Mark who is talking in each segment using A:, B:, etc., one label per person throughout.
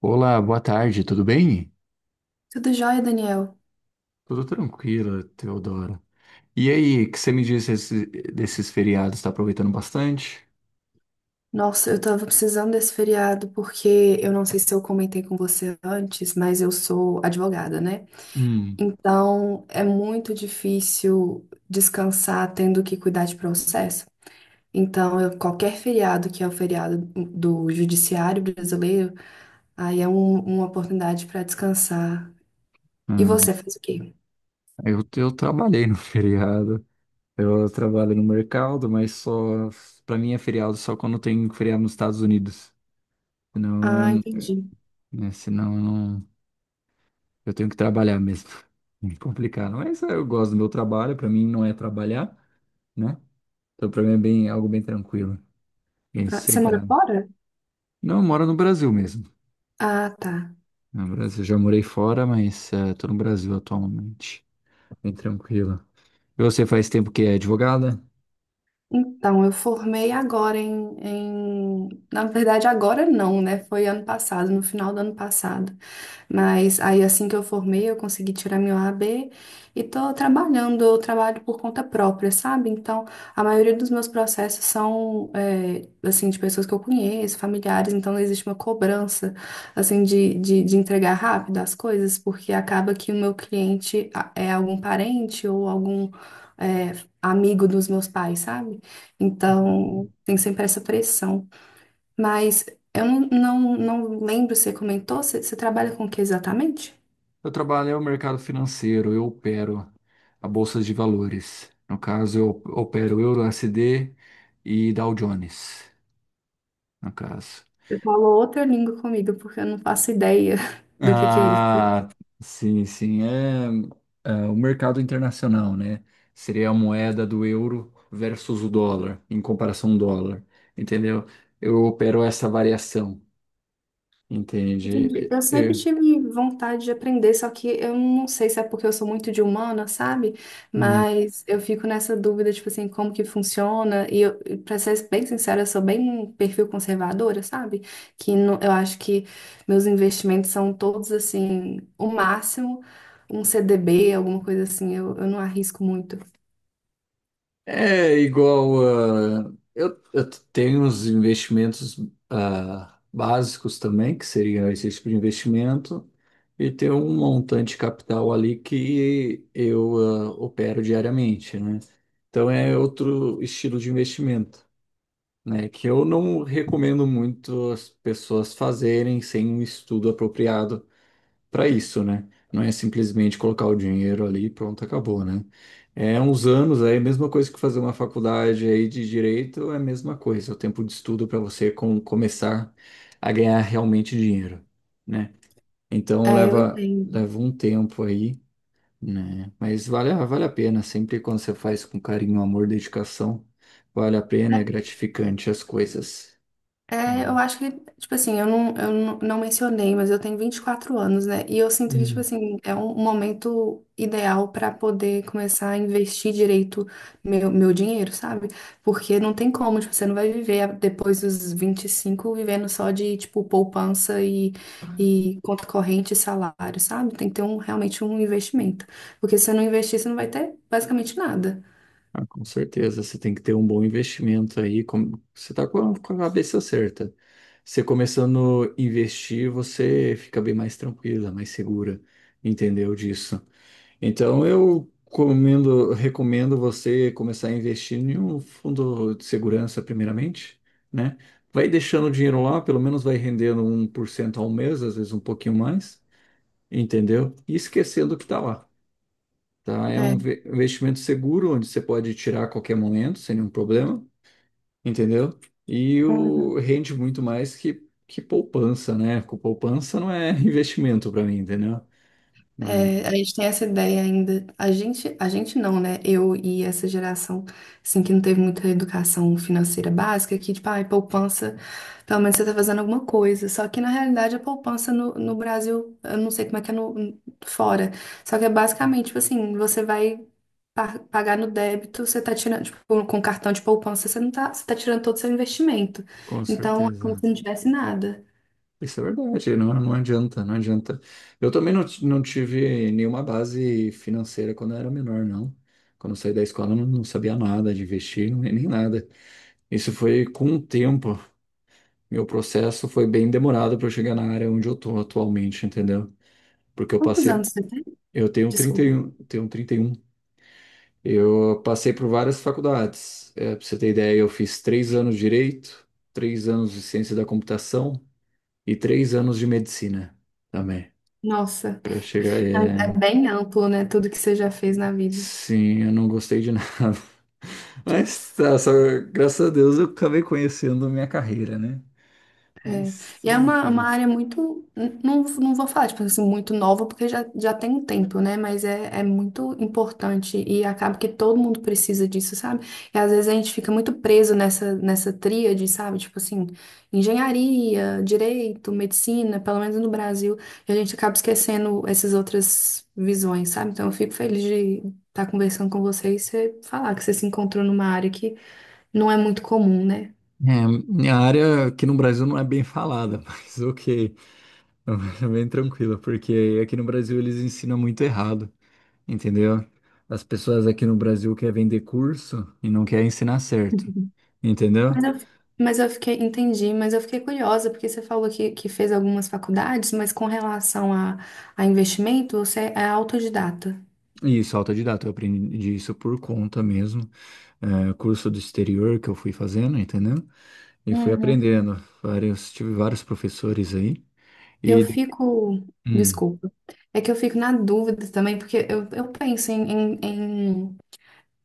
A: Olá, boa tarde, tudo bem?
B: Tudo jóia, Daniel?
A: Tudo tranquilo, Teodoro. E aí, o que você me disse desses feriados? Está aproveitando bastante?
B: Nossa, eu tava precisando desse feriado porque eu não sei se eu comentei com você antes, mas eu sou advogada, né?
A: Hum.
B: Então é muito difícil descansar tendo que cuidar de processo. Qualquer feriado que é o feriado do judiciário brasileiro, uma oportunidade para descansar. E
A: Ah,
B: você fez o quê?
A: eu, eu trabalhei no feriado. Eu trabalho no mercado, mas só para mim é feriado só quando tem feriado nos Estados Unidos. Senão,
B: Ah,
A: eu,
B: entendi.
A: né, senão eu não, eu tenho que trabalhar mesmo. É complicado. Mas eu gosto do meu trabalho. Para mim não é trabalhar, né? Então para mim é bem algo bem tranquilo, bem
B: Ah, você mora
A: sossegado.
B: fora?
A: Não, eu moro no Brasil mesmo.
B: Ah, tá.
A: No Brasil, já morei fora, mas tô no Brasil atualmente. Bem tranquila. E você faz tempo que é advogada?
B: Então, eu formei agora. Na verdade, agora não, né? Foi ano passado, no final do ano passado. Mas aí assim que eu formei, eu consegui tirar meu AB e tô trabalhando, eu trabalho por conta própria, sabe? Então, a maioria dos meus processos são, assim, de pessoas que eu conheço, familiares, então não existe uma cobrança, assim, de entregar rápido as coisas, porque acaba que o meu é algum parente ou algum, é, amigo dos meus pais, sabe?
A: Entendi.
B: Então, tem sempre essa pressão. Mas eu não lembro se você comentou, você trabalha com o que exatamente?
A: Eu trabalho no mercado financeiro, eu opero a bolsa de valores. No caso, eu opero Euro USD e Dow Jones, no caso.
B: Você falou outra língua comigo, porque eu não faço ideia do que é isso.
A: Ah, sim, sim, é, é o mercado internacional, né? Seria a moeda do euro versus o dólar, em comparação ao dólar, entendeu? Eu opero essa variação.
B: Entendi.
A: Entende?
B: Eu sempre
A: É,
B: tive vontade de aprender, só que eu não sei se é porque eu sou muito de humana, sabe? Mas eu fico nessa dúvida, tipo assim, como que funciona. E eu, e pra ser bem sincera, eu sou bem um perfil conservadora, sabe? Que não- Eu acho que meus investimentos são todos, assim, o máximo, um CDB, alguma coisa assim, eu não arrisco muito.
A: é igual a. Eu tenho uns investimentos básicos também, que seria esse tipo de investimento, e tem um montante de capital ali que eu opero diariamente, né? Então é outro estilo de investimento, né? Que eu não recomendo muito as pessoas fazerem sem um estudo apropriado para isso, né? Não é simplesmente colocar o dinheiro ali e pronto, acabou, né? É uns anos aí, a mesma coisa que fazer uma faculdade aí de direito, é a mesma coisa, o tempo de estudo para você começar a ganhar realmente dinheiro, né? Então
B: É, eu
A: leva
B: entendo.
A: leva um tempo aí, né? Mas vale a pena, sempre quando você faz com carinho, amor, dedicação, vale a pena, é gratificante as coisas.
B: É, eu acho que, tipo assim, eu não mencionei, mas eu tenho 24 anos, né? E eu sinto que, tipo
A: Uhum.
B: assim, é um momento ideal pra poder começar a investir direito meu dinheiro, sabe? Porque não tem como, tipo, você não vai viver a- depois dos 25 vivendo só de, tipo, e conta corrente e salário, sabe? Tem que ter um, realmente um investimento. Porque se você não investir, você não vai ter basicamente nada.
A: Ah, com certeza, você tem que ter um bom investimento aí. Você está com com a cabeça certa. Você começando a investir, você fica bem mais tranquila, mais segura, entendeu disso? Então, eu recomendo você começar a investir em um fundo de segurança, primeiramente, né? Vai deixando o dinheiro lá, pelo menos vai rendendo 1% ao mês, às vezes um pouquinho mais, entendeu? E esquecendo o que está lá, tá? É um investimento seguro, onde você pode tirar a qualquer momento, sem nenhum problema, entendeu? E o
B: É.
A: rende muito mais que poupança, né? Com poupança não é investimento para mim, entendeu? Mas
B: É, a gente tem essa ideia ainda. A gente não, né? Eu e essa geração, assim, que não teve muita educação financeira básica, que, tipo, ai, poupança, pelo menos você tá fazendo alguma coisa. Só que, na realidade, a poupança no, no Brasil, eu não sei como é que é no, fora. Só que é basicamente, tipo assim, pagar no débito, você tá tirando, tipo, com cartão de poupança, você não tá, você tá tirando todo o seu investimento.
A: com
B: Então, é como
A: certeza.
B: se não tivesse nada.
A: Isso é verdade, não não adianta, não adianta. Eu também não tive nenhuma base financeira quando eu era menor, não. Quando eu saí da escola, eu não sabia nada de investir, nem nada. Isso foi com o tempo. Meu processo foi bem demorado para eu chegar na área onde eu tô atualmente, entendeu? Porque eu
B: Quantos
A: passei,
B: anos você tem?
A: eu tenho trinta e
B: Desculpa.
A: um, tenho 31. Eu passei por várias faculdades. É, para você ter ideia, eu fiz 3 anos de direito, 3 anos de ciência da computação e 3 anos de medicina também.
B: Nossa.
A: Para chegar,
B: É é
A: é...
B: bem amplo, né? Tudo que você já fez na vida.
A: Sim, eu não gostei de nada. Mas tá, só, graças a Deus eu acabei conhecendo a minha carreira, né?
B: É.
A: Mas
B: E é uma
A: tranquilo.
B: área muito. Não, não vou falar, tipo assim, muito nova, porque já, já tem um tempo, né? Mas é, é muito importante e acaba que todo mundo precisa disso, sabe? E às vezes a gente fica muito preso nessa tríade, sabe? Tipo assim, engenharia, direito, medicina, pelo menos no Brasil, e a gente acaba esquecendo essas outras visões, sabe? Então eu fico feliz de estar conversando com vocês e você falar que você se encontrou numa área que não é muito comum, né?
A: É, minha área aqui no Brasil não é bem falada, mas ok, é bem tranquila, porque aqui no Brasil eles ensinam muito errado, entendeu? As pessoas aqui no Brasil querem vender curso e não querem ensinar certo,
B: Uhum.
A: entendeu?
B: Mas eu, Entendi, mas eu fiquei curiosa, porque você falou que fez algumas faculdades, mas com relação a investimento, você é autodidata.
A: E isso, autodidata, eu aprendi isso por conta mesmo, é, curso do exterior que eu fui fazendo, entendeu? E fui
B: Uhum.
A: aprendendo, vários, tive vários professores aí,
B: Eu
A: e...
B: fico,
A: Hum.
B: desculpa, é que eu fico na dúvida também, porque eu penso em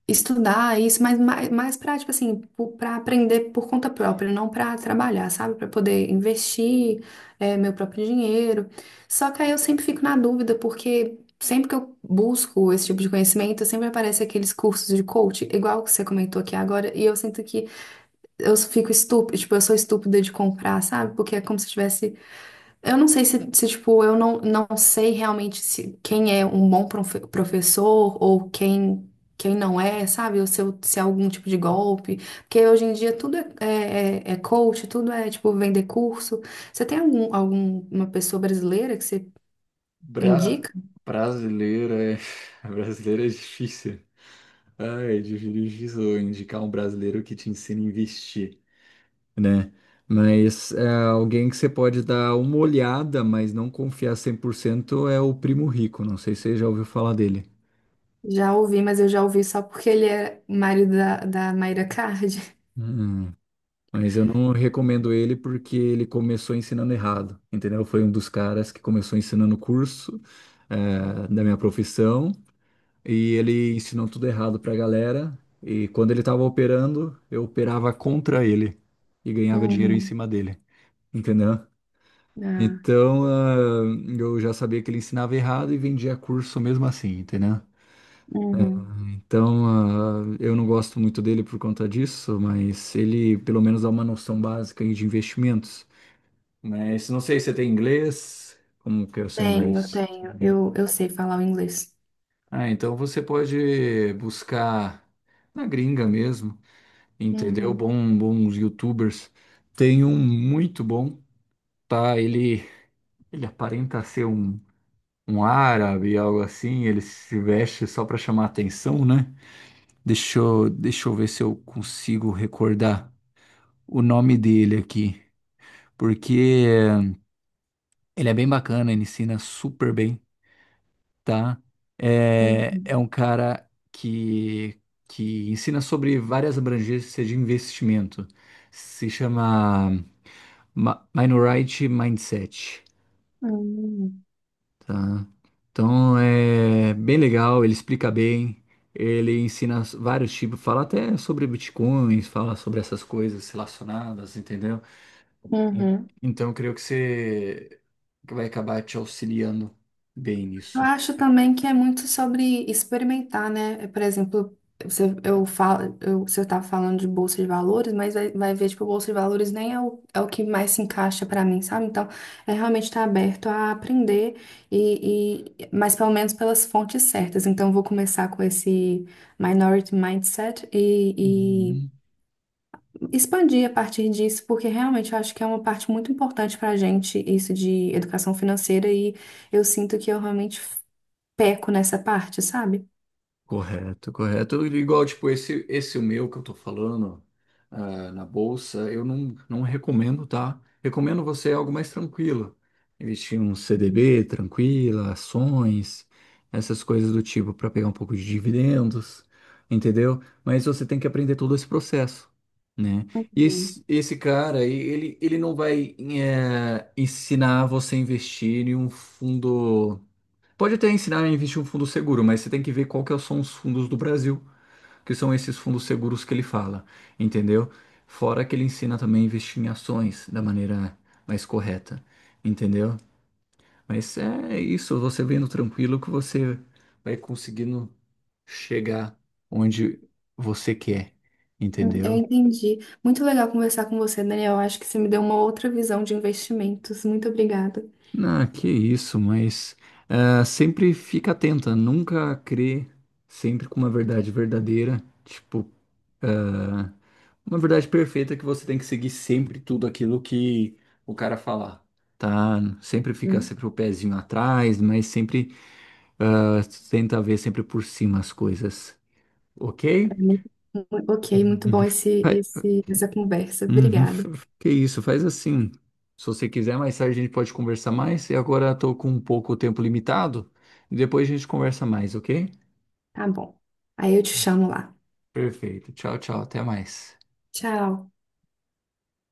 B: estudar isso, mais para, tipo assim, para aprender por conta própria, não para trabalhar, sabe? Para poder investir meu próprio dinheiro. Só que aí eu sempre fico na dúvida, porque sempre que eu busco esse tipo de conhecimento, sempre aparece aqueles cursos de coach, igual que você comentou aqui agora, e eu sinto que eu fico estúpida, tipo, eu sou estúpida de comprar, sabe? Porque é como se eu tivesse eu não sei se, se, tipo, eu não, não sei realmente se quem é um bom professor ou quem, quem não é, sabe? Ou se é algum tipo de golpe. Porque hoje em dia tudo é coach, tudo é, tipo, vender curso. Você tem algum, alguma pessoa brasileira que você
A: Bra...
B: indica?
A: Brasileira é... Brasileira é difícil. Ai, é difícil indicar um brasileiro que te ensina a investir, né? Mas é, alguém que você pode dar uma olhada, mas não confiar 100% é o Primo Rico. Não sei se você já ouviu falar dele.
B: Já ouvi, mas eu já ouvi só porque ele é marido da Mayra Card.
A: Hum, mas eu não recomendo ele porque ele começou ensinando errado, entendeu? Foi um dos caras que começou ensinando o curso é, da minha profissão e ele ensinou tudo errado pra galera. E quando ele tava operando, eu operava contra ele e ganhava dinheiro em
B: Uhum.
A: cima dele. Entendeu?
B: Ah,
A: Então, eu já sabia que ele ensinava errado e vendia curso mesmo assim, entendeu?
B: uhum.
A: Então, eu não gosto muito dele por conta disso, mas ele pelo menos dá uma noção básica aí de investimentos. Mas não sei se você tem inglês. Como que é o seu
B: Tenho,
A: inglês?
B: tenho. Eu sei falar o inglês.
A: Ah, então você pode buscar na gringa mesmo, entendeu?
B: Uhum.
A: Bom, bons YouTubers. Tem um muito bom, tá? Ele aparenta ser um. Um árabe, algo assim, ele se veste só para chamar atenção, né? Deixa eu ver se eu consigo recordar o nome dele aqui, porque ele é bem bacana, ele ensina super bem, tá? É,
B: Uhum.
A: é um cara que ensina sobre várias abrangências de investimento. Se chama Minority Mindset.
B: Uhum.
A: Tá. Então é bem legal, ele explica bem, ele ensina vários tipos, fala até sobre bitcoins, fala sobre essas coisas relacionadas, entendeu? Sim.
B: Uhum.
A: Então eu creio que você que vai acabar te auxiliando bem
B: Eu
A: nisso.
B: acho também que é muito sobre experimentar, né? Por exemplo, você, eu falo, eu, você estava falando de bolsa de valores, mas vai, vai ver, tipo, bolsa de valores nem é é o que mais se encaixa para mim, sabe? Então, é realmente estar aberto a aprender, mas pelo menos pelas fontes certas. Então, eu vou começar com esse Minority Mindset e
A: Uhum.
B: expandir a partir disso, porque realmente eu acho que é uma parte muito importante para a gente, isso de educação financeira, e eu sinto que eu realmente peco nessa parte, sabe?
A: Correto, correto. Igual, tipo, esse o meu que eu tô falando na bolsa, eu não recomendo, tá? Recomendo você algo mais tranquilo. Investir em um CDB tranquila, ações, essas coisas do tipo, para pegar um pouco de dividendos, entendeu? Mas você tem que aprender todo esse processo, né? E
B: Uhum.
A: esse cara, aí, ele não vai ensinar você a investir em um fundo. Pode até ensinar a investir um fundo seguro, mas você tem que ver qual que são os fundos do Brasil, que são esses fundos seguros que ele fala, entendeu? Fora que ele ensina também a investir em ações da maneira mais correta, entendeu? Mas é isso, você vendo tranquilo que você vai conseguindo chegar onde você quer,
B: Eu
A: entendeu?
B: entendi. Muito legal conversar com você, Daniel. Eu acho que você me deu uma outra visão de investimentos. Muito obrigada.
A: Ah, que isso, mas sempre fica atenta, nunca crê sempre com uma verdade verdadeira, tipo ah, uma verdade perfeita é que você tem que seguir sempre tudo aquilo que o cara falar, tá? Sempre fica
B: Uhum.
A: sempre o pezinho atrás, mas sempre ah, tenta ver sempre por cima as coisas, ok?
B: Ok, muito bom
A: Uhum. Vai-
B: essa conversa.
A: Uhum,
B: Obrigada.
A: que isso, faz assim. Se você quiser, mais tarde a gente pode conversar mais. E agora estou com um pouco o tempo limitado. E depois a gente conversa mais, ok?
B: Tá bom. Aí eu te chamo lá.
A: Perfeito. Tchau, tchau. Até mais.
B: Tchau.